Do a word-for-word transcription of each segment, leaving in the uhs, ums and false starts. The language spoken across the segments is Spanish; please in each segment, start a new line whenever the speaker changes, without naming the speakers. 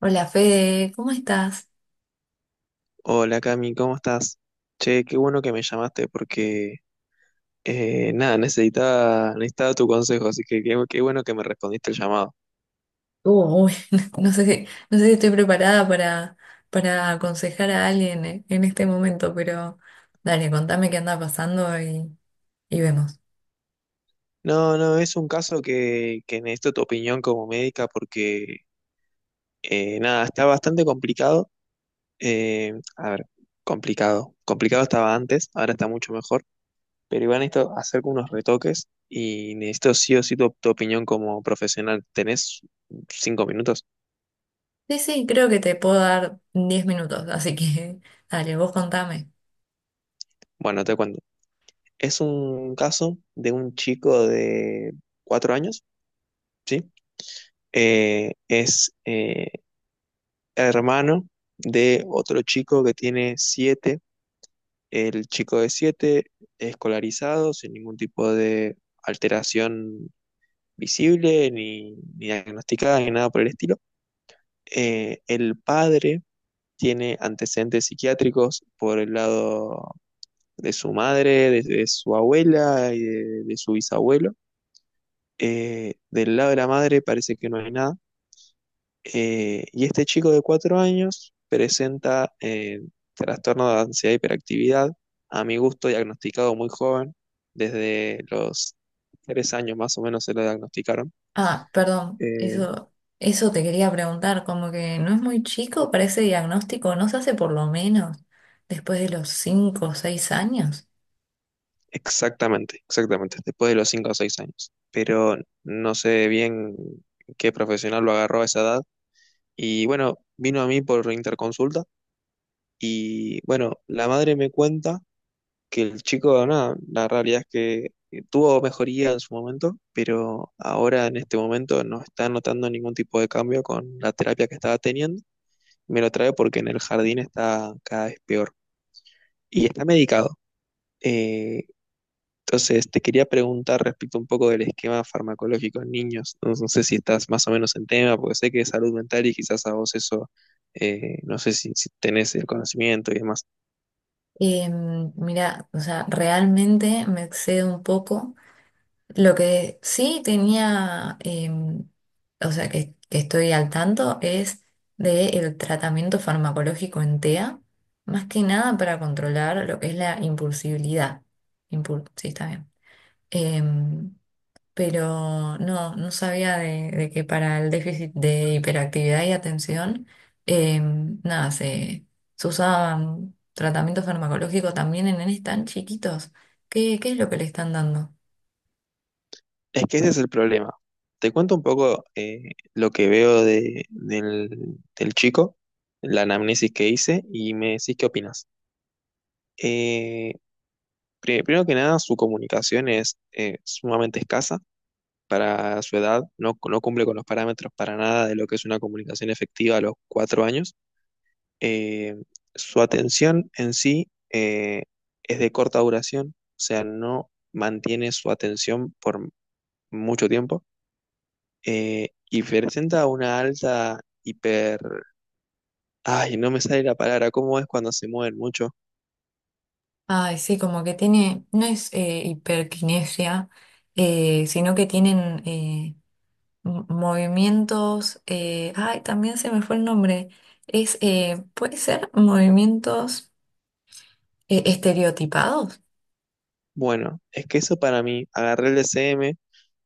Hola Fede, ¿cómo estás?
Hola Cami, ¿cómo estás? Che, qué bueno que me llamaste porque eh, nada, necesitaba, necesitaba tu consejo, así que qué, qué bueno que me respondiste el llamado.
Uh, uy, no sé si, no sé si estoy preparada para, para aconsejar a alguien eh, en este momento, pero dale, contame qué anda pasando y, y vemos.
No, no, es un caso que, que necesito tu opinión como médica porque eh, nada, está bastante complicado. Eh, a ver, complicado. Complicado estaba antes, ahora está mucho mejor, pero igual necesito hacer unos retoques y necesito sí o sí tu tu opinión como profesional. ¿Tenés cinco minutos?
Sí, sí, creo que te puedo dar diez minutos, así que dale, vos contame.
Bueno, te cuento. Es un caso de un chico de cuatro años, ¿sí? Eh, es eh, hermano de otro chico que tiene siete. El chico de siete, escolarizado, sin ningún tipo de alteración visible, ni, ni diagnosticada, ni nada por el estilo. Eh, el padre tiene antecedentes psiquiátricos por el lado de su madre, de, de su abuela y de de su bisabuelo. Eh, del lado de la madre parece que no hay nada. Eh, y este chico de cuatro años presenta eh, trastorno de ansiedad e hiperactividad, a mi gusto diagnosticado muy joven, desde los tres años más o menos se lo diagnosticaron.
Ah, perdón,
Eh,
eso, eso te quería preguntar, como que no es muy chico para ese diagnóstico, ¿no se hace por lo menos después de los cinco o seis años?
Exactamente, exactamente, después de los cinco o seis años. Pero no sé bien qué profesional lo agarró a esa edad. Y bueno, vino a mí por interconsulta. Y bueno, la madre me cuenta que el chico, nada, la realidad es que eh, tuvo mejoría en su momento, pero ahora en este momento no está notando ningún tipo de cambio con la terapia que estaba teniendo. Me lo trae porque en el jardín está cada vez peor y está medicado. Eh, entonces, te quería preguntar respecto un poco del esquema farmacológico en niños. No, no sé si estás más o menos en tema, porque sé que es salud mental y quizás a vos eso, eh, no sé si, si tenés el conocimiento y demás.
Em, mira, o sea, realmente me excedo un poco. Lo que sí tenía, em, o sea, que, que estoy al tanto es del tratamiento farmacológico en T E A, más que nada para controlar lo que es la impulsibilidad. Impul- sí, está bien. Em, pero no, no sabía de, de que para el déficit de hiperactividad y atención, eh, nada, se, se usaban tratamientos farmacológicos también en nenes tan chiquitos. ¿Qué, qué es lo que le están dando?
Es que ese es el problema. Te cuento un poco eh, lo que veo de, del, del chico, la anamnesis que hice, y me decís qué opinas. Eh, pri- Primero que nada, su comunicación es eh, sumamente escasa para su edad, no, no cumple con los parámetros para nada de lo que es una comunicación efectiva a los cuatro años. Eh, Su atención en sí eh, es de corta duración, o sea, no mantiene su atención por mucho tiempo. Eh, y presenta una alta hiper... Ay, no me sale la palabra, ¿cómo es cuando se mueven mucho?
Ay, sí, como que tiene, no es eh, hiperquinesia, eh, sino que tienen eh, m- movimientos, eh, ay, también se me fue el nombre, es, eh, puede ser movimientos eh, estereotipados.
Bueno, es que eso para mí, agarré el D C M,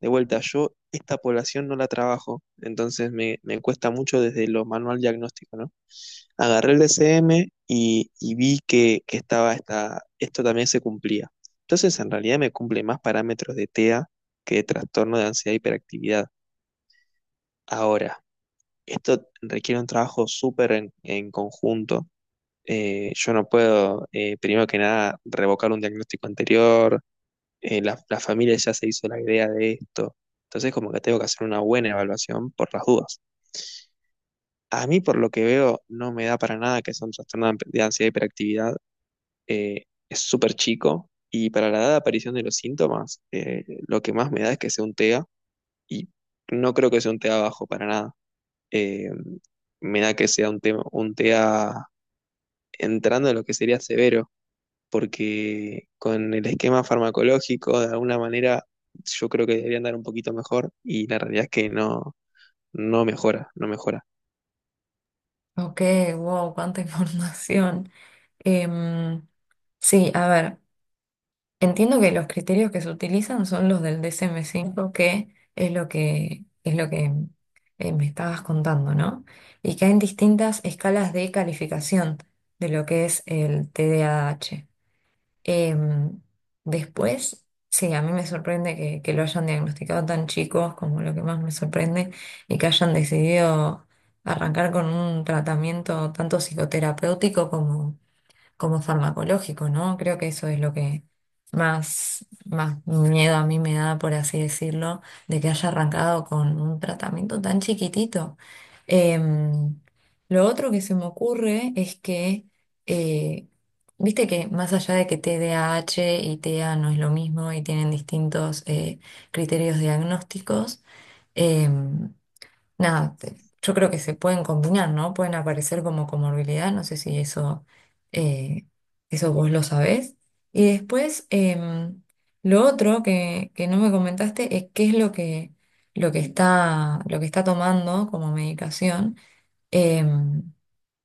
de vuelta, yo esta población no la trabajo, entonces me, me cuesta mucho desde lo manual diagnóstico, ¿no? Agarré el D C M y, y vi que, que estaba esta, esto también se cumplía. Entonces, en realidad me cumple más parámetros de TEA que de trastorno de ansiedad e hiperactividad. Ahora, esto requiere un trabajo súper en, en conjunto. Eh, yo no puedo, eh, primero que nada, revocar un diagnóstico anterior. Eh, la, la familia ya se hizo la idea de esto, entonces como que tengo que hacer una buena evaluación por las dudas. A mí, por lo que veo, no me da para nada que sea un trastorno de de ansiedad y hiperactividad. Eh, es súper chico, y para la edad de aparición de los síntomas, eh, lo que más me da es que sea un TEA, y no creo que sea un TEA bajo para nada. Eh, Me da que sea un, tema un TEA entrando en lo que sería severo, porque con el esquema farmacológico, de alguna manera, yo creo que debería andar un poquito mejor y la realidad es que no, no mejora, no mejora.
Ok, wow, cuánta información. Em, sí, a ver, entiendo que los criterios que se utilizan son los del D S M cinco, que es lo que, es lo que eh, me estabas contando, ¿no? Y que hay distintas escalas de calificación de lo que es el T D A H. Em, después, sí, a mí me sorprende que, que lo hayan diagnosticado tan chicos como lo que más me sorprende y que hayan decidido arrancar con un tratamiento tanto psicoterapéutico como como farmacológico, ¿no? Creo que eso es lo que más, más miedo a mí me da, por así decirlo, de que haya arrancado con un tratamiento tan chiquitito. Em, lo otro que se me ocurre es que, eh, viste que más allá de que T D A H y T E A no es lo mismo y tienen distintos eh, criterios diagnósticos, em, nada, te- yo creo que se pueden combinar, ¿no? Pueden aparecer como comorbilidad, no sé si eso, eh, eso vos lo sabés. Y después, em, lo otro que, que no me comentaste es qué es lo que, lo que está, lo que está tomando como medicación, em,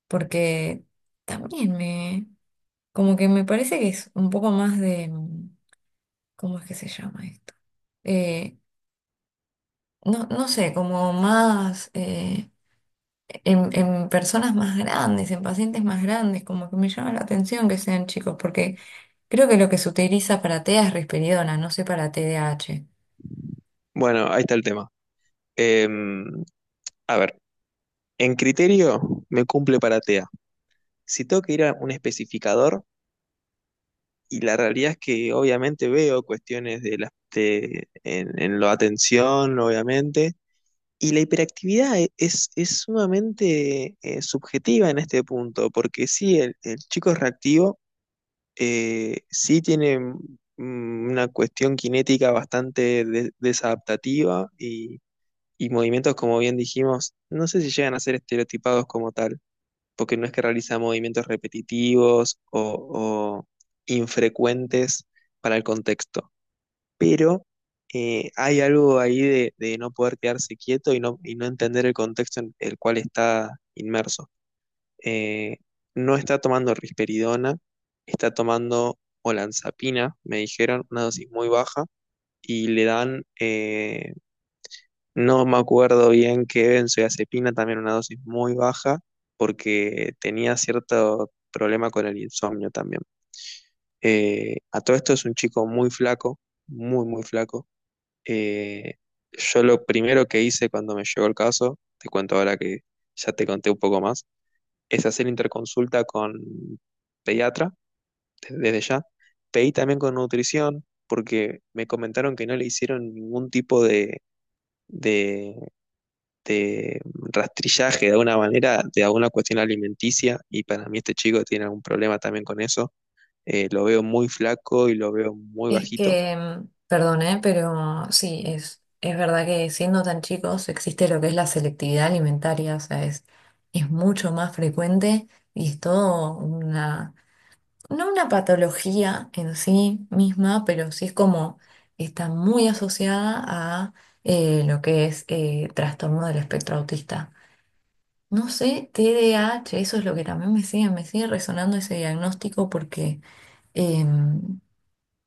porque también me, como que me parece que es un poco más de, mm, ¿cómo es que se llama esto? Eh, no, no sé, como más eh, en, en personas más grandes, en pacientes más grandes, como que me llama la atención que sean chicos, porque creo que lo que se utiliza para T E A es risperidona, no sé para T D A H.
Bueno, ahí está el tema. Em, a ver, en criterio me cumple para TEA. Si tengo que ir a un especificador, y la realidad es que obviamente veo cuestiones de la, de- en, en la atención, obviamente, y la hiperactividad e- es, es sumamente eh, subjetiva en este punto, porque sí, el, el chico es reactivo, eh, sí tiene mm, una cuestión cinética bastante de- desadaptativa y, y movimientos, como bien dijimos, no sé si llegan a ser estereotipados como tal, porque no es que realiza movimientos repetitivos o, o infrecuentes para el contexto, pero eh, hay algo ahí de, de no poder quedarse quieto y no, y no entender el contexto en el cual está inmerso. eh, no está tomando risperidona, está tomando olanzapina, me dijeron, una dosis muy baja, y le dan, eh, no me acuerdo bien qué benzodiazepina, también una dosis muy baja, porque tenía cierto problema con el insomnio también. Eh, a todo esto es un chico muy flaco, muy, muy flaco. Eh, yo lo primero que hice cuando me llegó el caso, te cuento ahora que ya te conté un poco más, es hacer interconsulta con pediatra, desde ya. Pedí también con nutrición, porque me comentaron que no le hicieron ningún tipo de, de, de rastrillaje de alguna manera de alguna cuestión alimenticia, y para mí este chico tiene algún problema también con eso. Eh, lo veo muy flaco y lo veo muy
Es
bajito.
que, mm, perdón, ¿eh? Pero sí, es, es verdad que siendo tan chicos existe lo que es la selectividad alimentaria, o sea, es, es mucho más frecuente y es todo una no una patología en sí misma, pero sí es como está muy asociada a eh, lo que es eh, trastorno del espectro autista. No sé, T D A H, eso es lo que también me sigue, me sigue resonando ese diagnóstico porque em,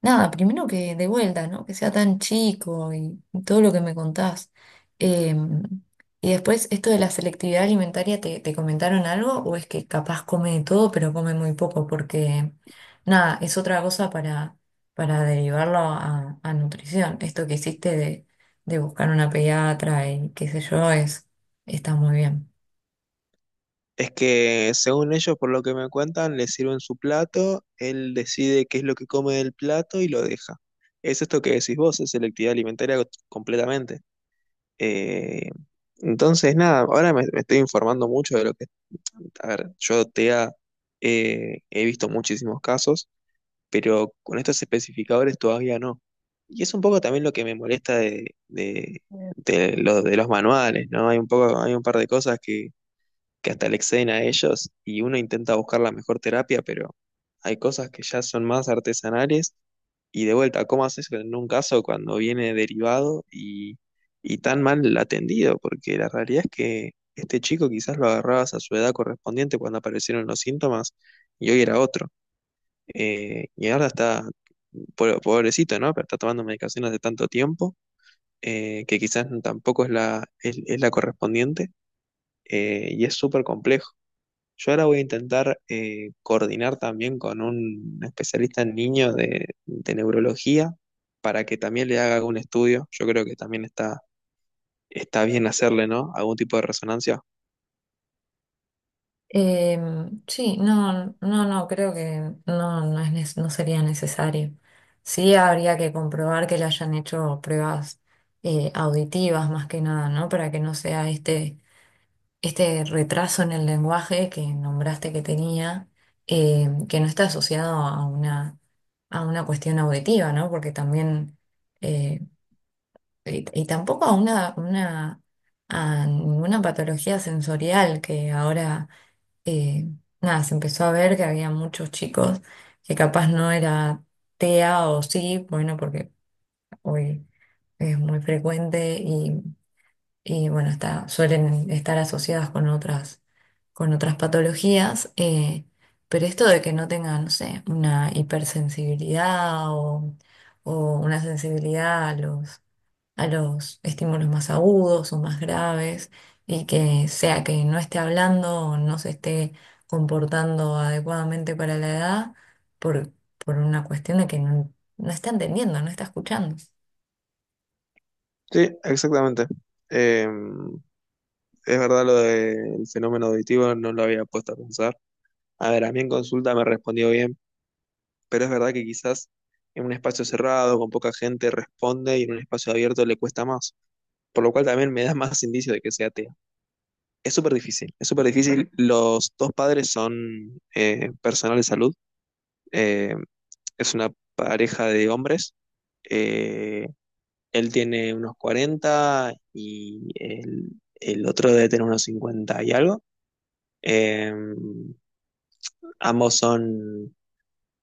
nada, primero que de vuelta, ¿no? Que sea tan chico y todo lo que me contás. Em, y después, esto de la selectividad alimentaria, ¿te, te comentaron algo? ¿O es que capaz come de todo, pero come muy poco? Porque, nada, es otra cosa para, para, derivarlo a, a nutrición. Esto que hiciste de, de buscar una pediatra y qué sé yo, es, está muy bien.
Es que según ellos, por lo que me cuentan, le sirven su plato, él decide qué es lo que come del plato y lo deja. Es esto que decís vos, es selectividad alimentaria completamente. Eh, entonces, nada, ahora me, me estoy informando mucho de lo que... A ver, yo TEA eh, he visto muchísimos casos, pero con estos especificadores todavía no. Y es un poco también lo que me molesta de, de, de lo- de los manuales, ¿no? Hay un poco, hay un par de cosas que que hasta le exceden a ellos y uno intenta buscar la mejor terapia, pero hay cosas que ya son más artesanales y de vuelta, ¿cómo haces en un caso cuando viene derivado y, y tan mal atendido? Porque la realidad es que este chico quizás lo agarrabas a su edad correspondiente cuando aparecieron los síntomas y hoy era otro. Eh, y ahora está, po- pobrecito, ¿no? Pero está tomando medicación hace tanto tiempo, eh, que quizás tampoco es la, es, es la correspondiente, eh, y es súper complejo. Yo ahora voy a intentar eh, coordinar también con un especialista en niños de, de neurología para que también le haga algún estudio. Yo creo que también está, está bien hacerle, ¿no? Algún tipo de resonancia.
Em, sí, no, no, no, creo que no, no es, nes- no sería necesario. Sí habría que comprobar que le hayan hecho pruebas eh, auditivas más que nada, ¿no? Para que no sea este, este retraso en el lenguaje que nombraste que tenía, eh, que no está asociado a una, a una cuestión auditiva, ¿no? Porque también, eh, y, y tampoco a una, una, a ninguna patología sensorial que ahora eh, nada, se empezó a ver que había muchos chicos que capaz no era T E A o sí, bueno, porque hoy es muy frecuente y, y, bueno, está, suelen estar asociadas con otras, con otras patologías, eh, pero esto de que no tengan, no sé, una hipersensibilidad o, o una sensibilidad a los a los estímulos más agudos o más graves y que sea que no esté hablando o no se esté comportando adecuadamente para la edad por, por una cuestión de que no, no está entendiendo, no está escuchando.
Sí, exactamente. Eh, es verdad lo del fenómeno auditivo, no lo había puesto a pensar. A ver, a mí en consulta me respondió bien, pero es verdad que quizás en un espacio cerrado, con poca gente, responde y en un espacio abierto le cuesta más. Por lo cual también me da más indicio de que sea TEA. Es súper difícil, es súper difícil. Los dos padres son eh, personal de salud, eh, es una pareja de hombres. eh, Él tiene unos cuarenta y el, el otro debe tener unos cincuenta y algo. Eh, Ambos son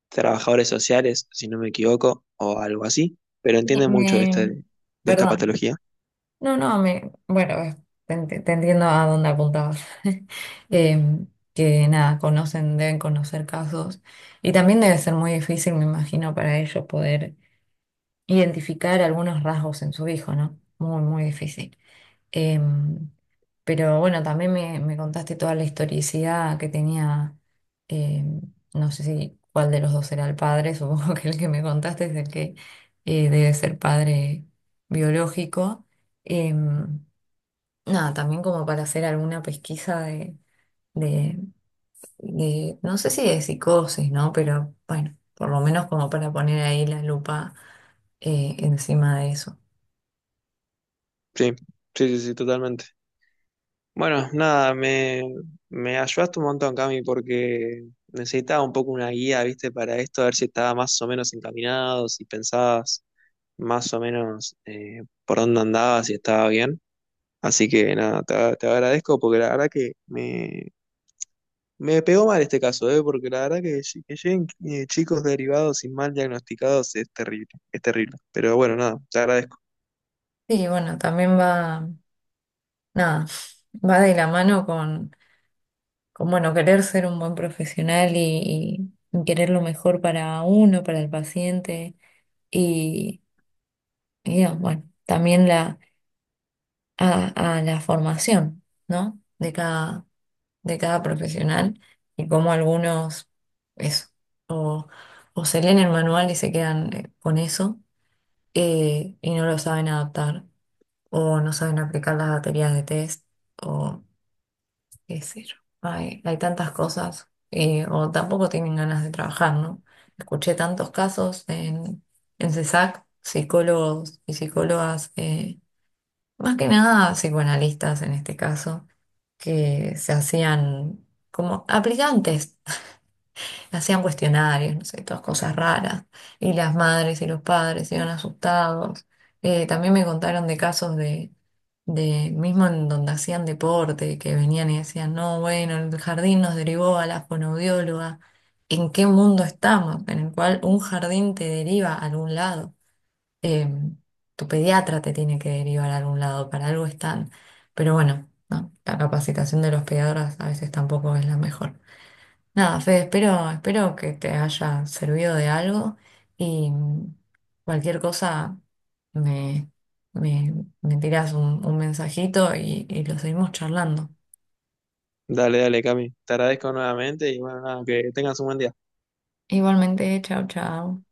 trabajadores sociales, si no me equivoco, o algo así, pero
Me,
entienden mucho de, este-
me-
de esta
perdón,
patología.
no, no, me, bueno, eh, te, ent- te entiendo a dónde apuntabas. Em, que nada, conocen, deben conocer casos y también debe ser muy difícil, me imagino, para ellos poder identificar algunos rasgos en su hijo, ¿no? Muy, muy difícil. Em, pero bueno, también me, me contaste toda la historicidad que tenía, em, no sé si cuál de los dos era el padre, supongo que el que me contaste es el que eh, debe ser padre biológico. Em, nada, también como para hacer alguna pesquisa de, de, de, no sé si de psicosis, ¿no? Pero bueno, por lo menos como para poner ahí la lupa eh, encima de eso.
Sí, sí, sí, sí, totalmente. Bueno, nada, me, me ayudaste un montón, Cami, porque necesitaba un poco una guía, ¿viste? Para esto, a ver si estaba más o menos encaminado, si pensabas más o menos eh, por dónde andabas, si estaba bien. Así que nada, te, te agradezco porque la verdad que me, me pegó mal este caso, ¿eh? Porque la verdad que, lle- que lleguen eh, chicos derivados y mal diagnosticados es terrible, es terrible. Pero bueno, nada, te agradezco.
Sí, bueno, también va, nada, va de la mano con, con bueno, querer ser un buen profesional y, y querer lo mejor para uno, para el paciente y, y, ah, bueno, también la, a, a la formación, ¿no? De cada, de cada profesional y cómo algunos, eso, o, o se leen el manual y se quedan eh, con eso eh, y no lo saben adaptar o no saben aplicar las baterías de test qué sé yo. Hay, hay tantas cosas, eh, o tampoco tienen ganas de trabajar, ¿no? Escuché tantos casos en, en CESAC, psicólogos y psicólogas, eh, más que nada psicoanalistas en este caso, que se hacían como aplicantes. Hacían cuestionarios, no sé, todas cosas raras. Y las madres y los padres iban asustados. Eh, también me contaron de casos de, de, mismo en donde hacían deporte, que venían y decían, no, bueno, el jardín nos derivó a la fonoaudióloga. ¿En qué mundo estamos? En el cual un jardín te deriva a algún lado. Eh, tu pediatra te tiene que derivar a algún lado, para algo están. Pero bueno, no, la capacitación de los pediatras a veces tampoco es la mejor. Nada, Fede, espero, espero que te haya servido de algo y mm, cualquier cosa me, me, me tiras un, un mensajito y, y lo seguimos charlando.
Dale, dale, Cami, te agradezco nuevamente y bueno, nada, que tengas un buen día.
Igualmente, chao, chao.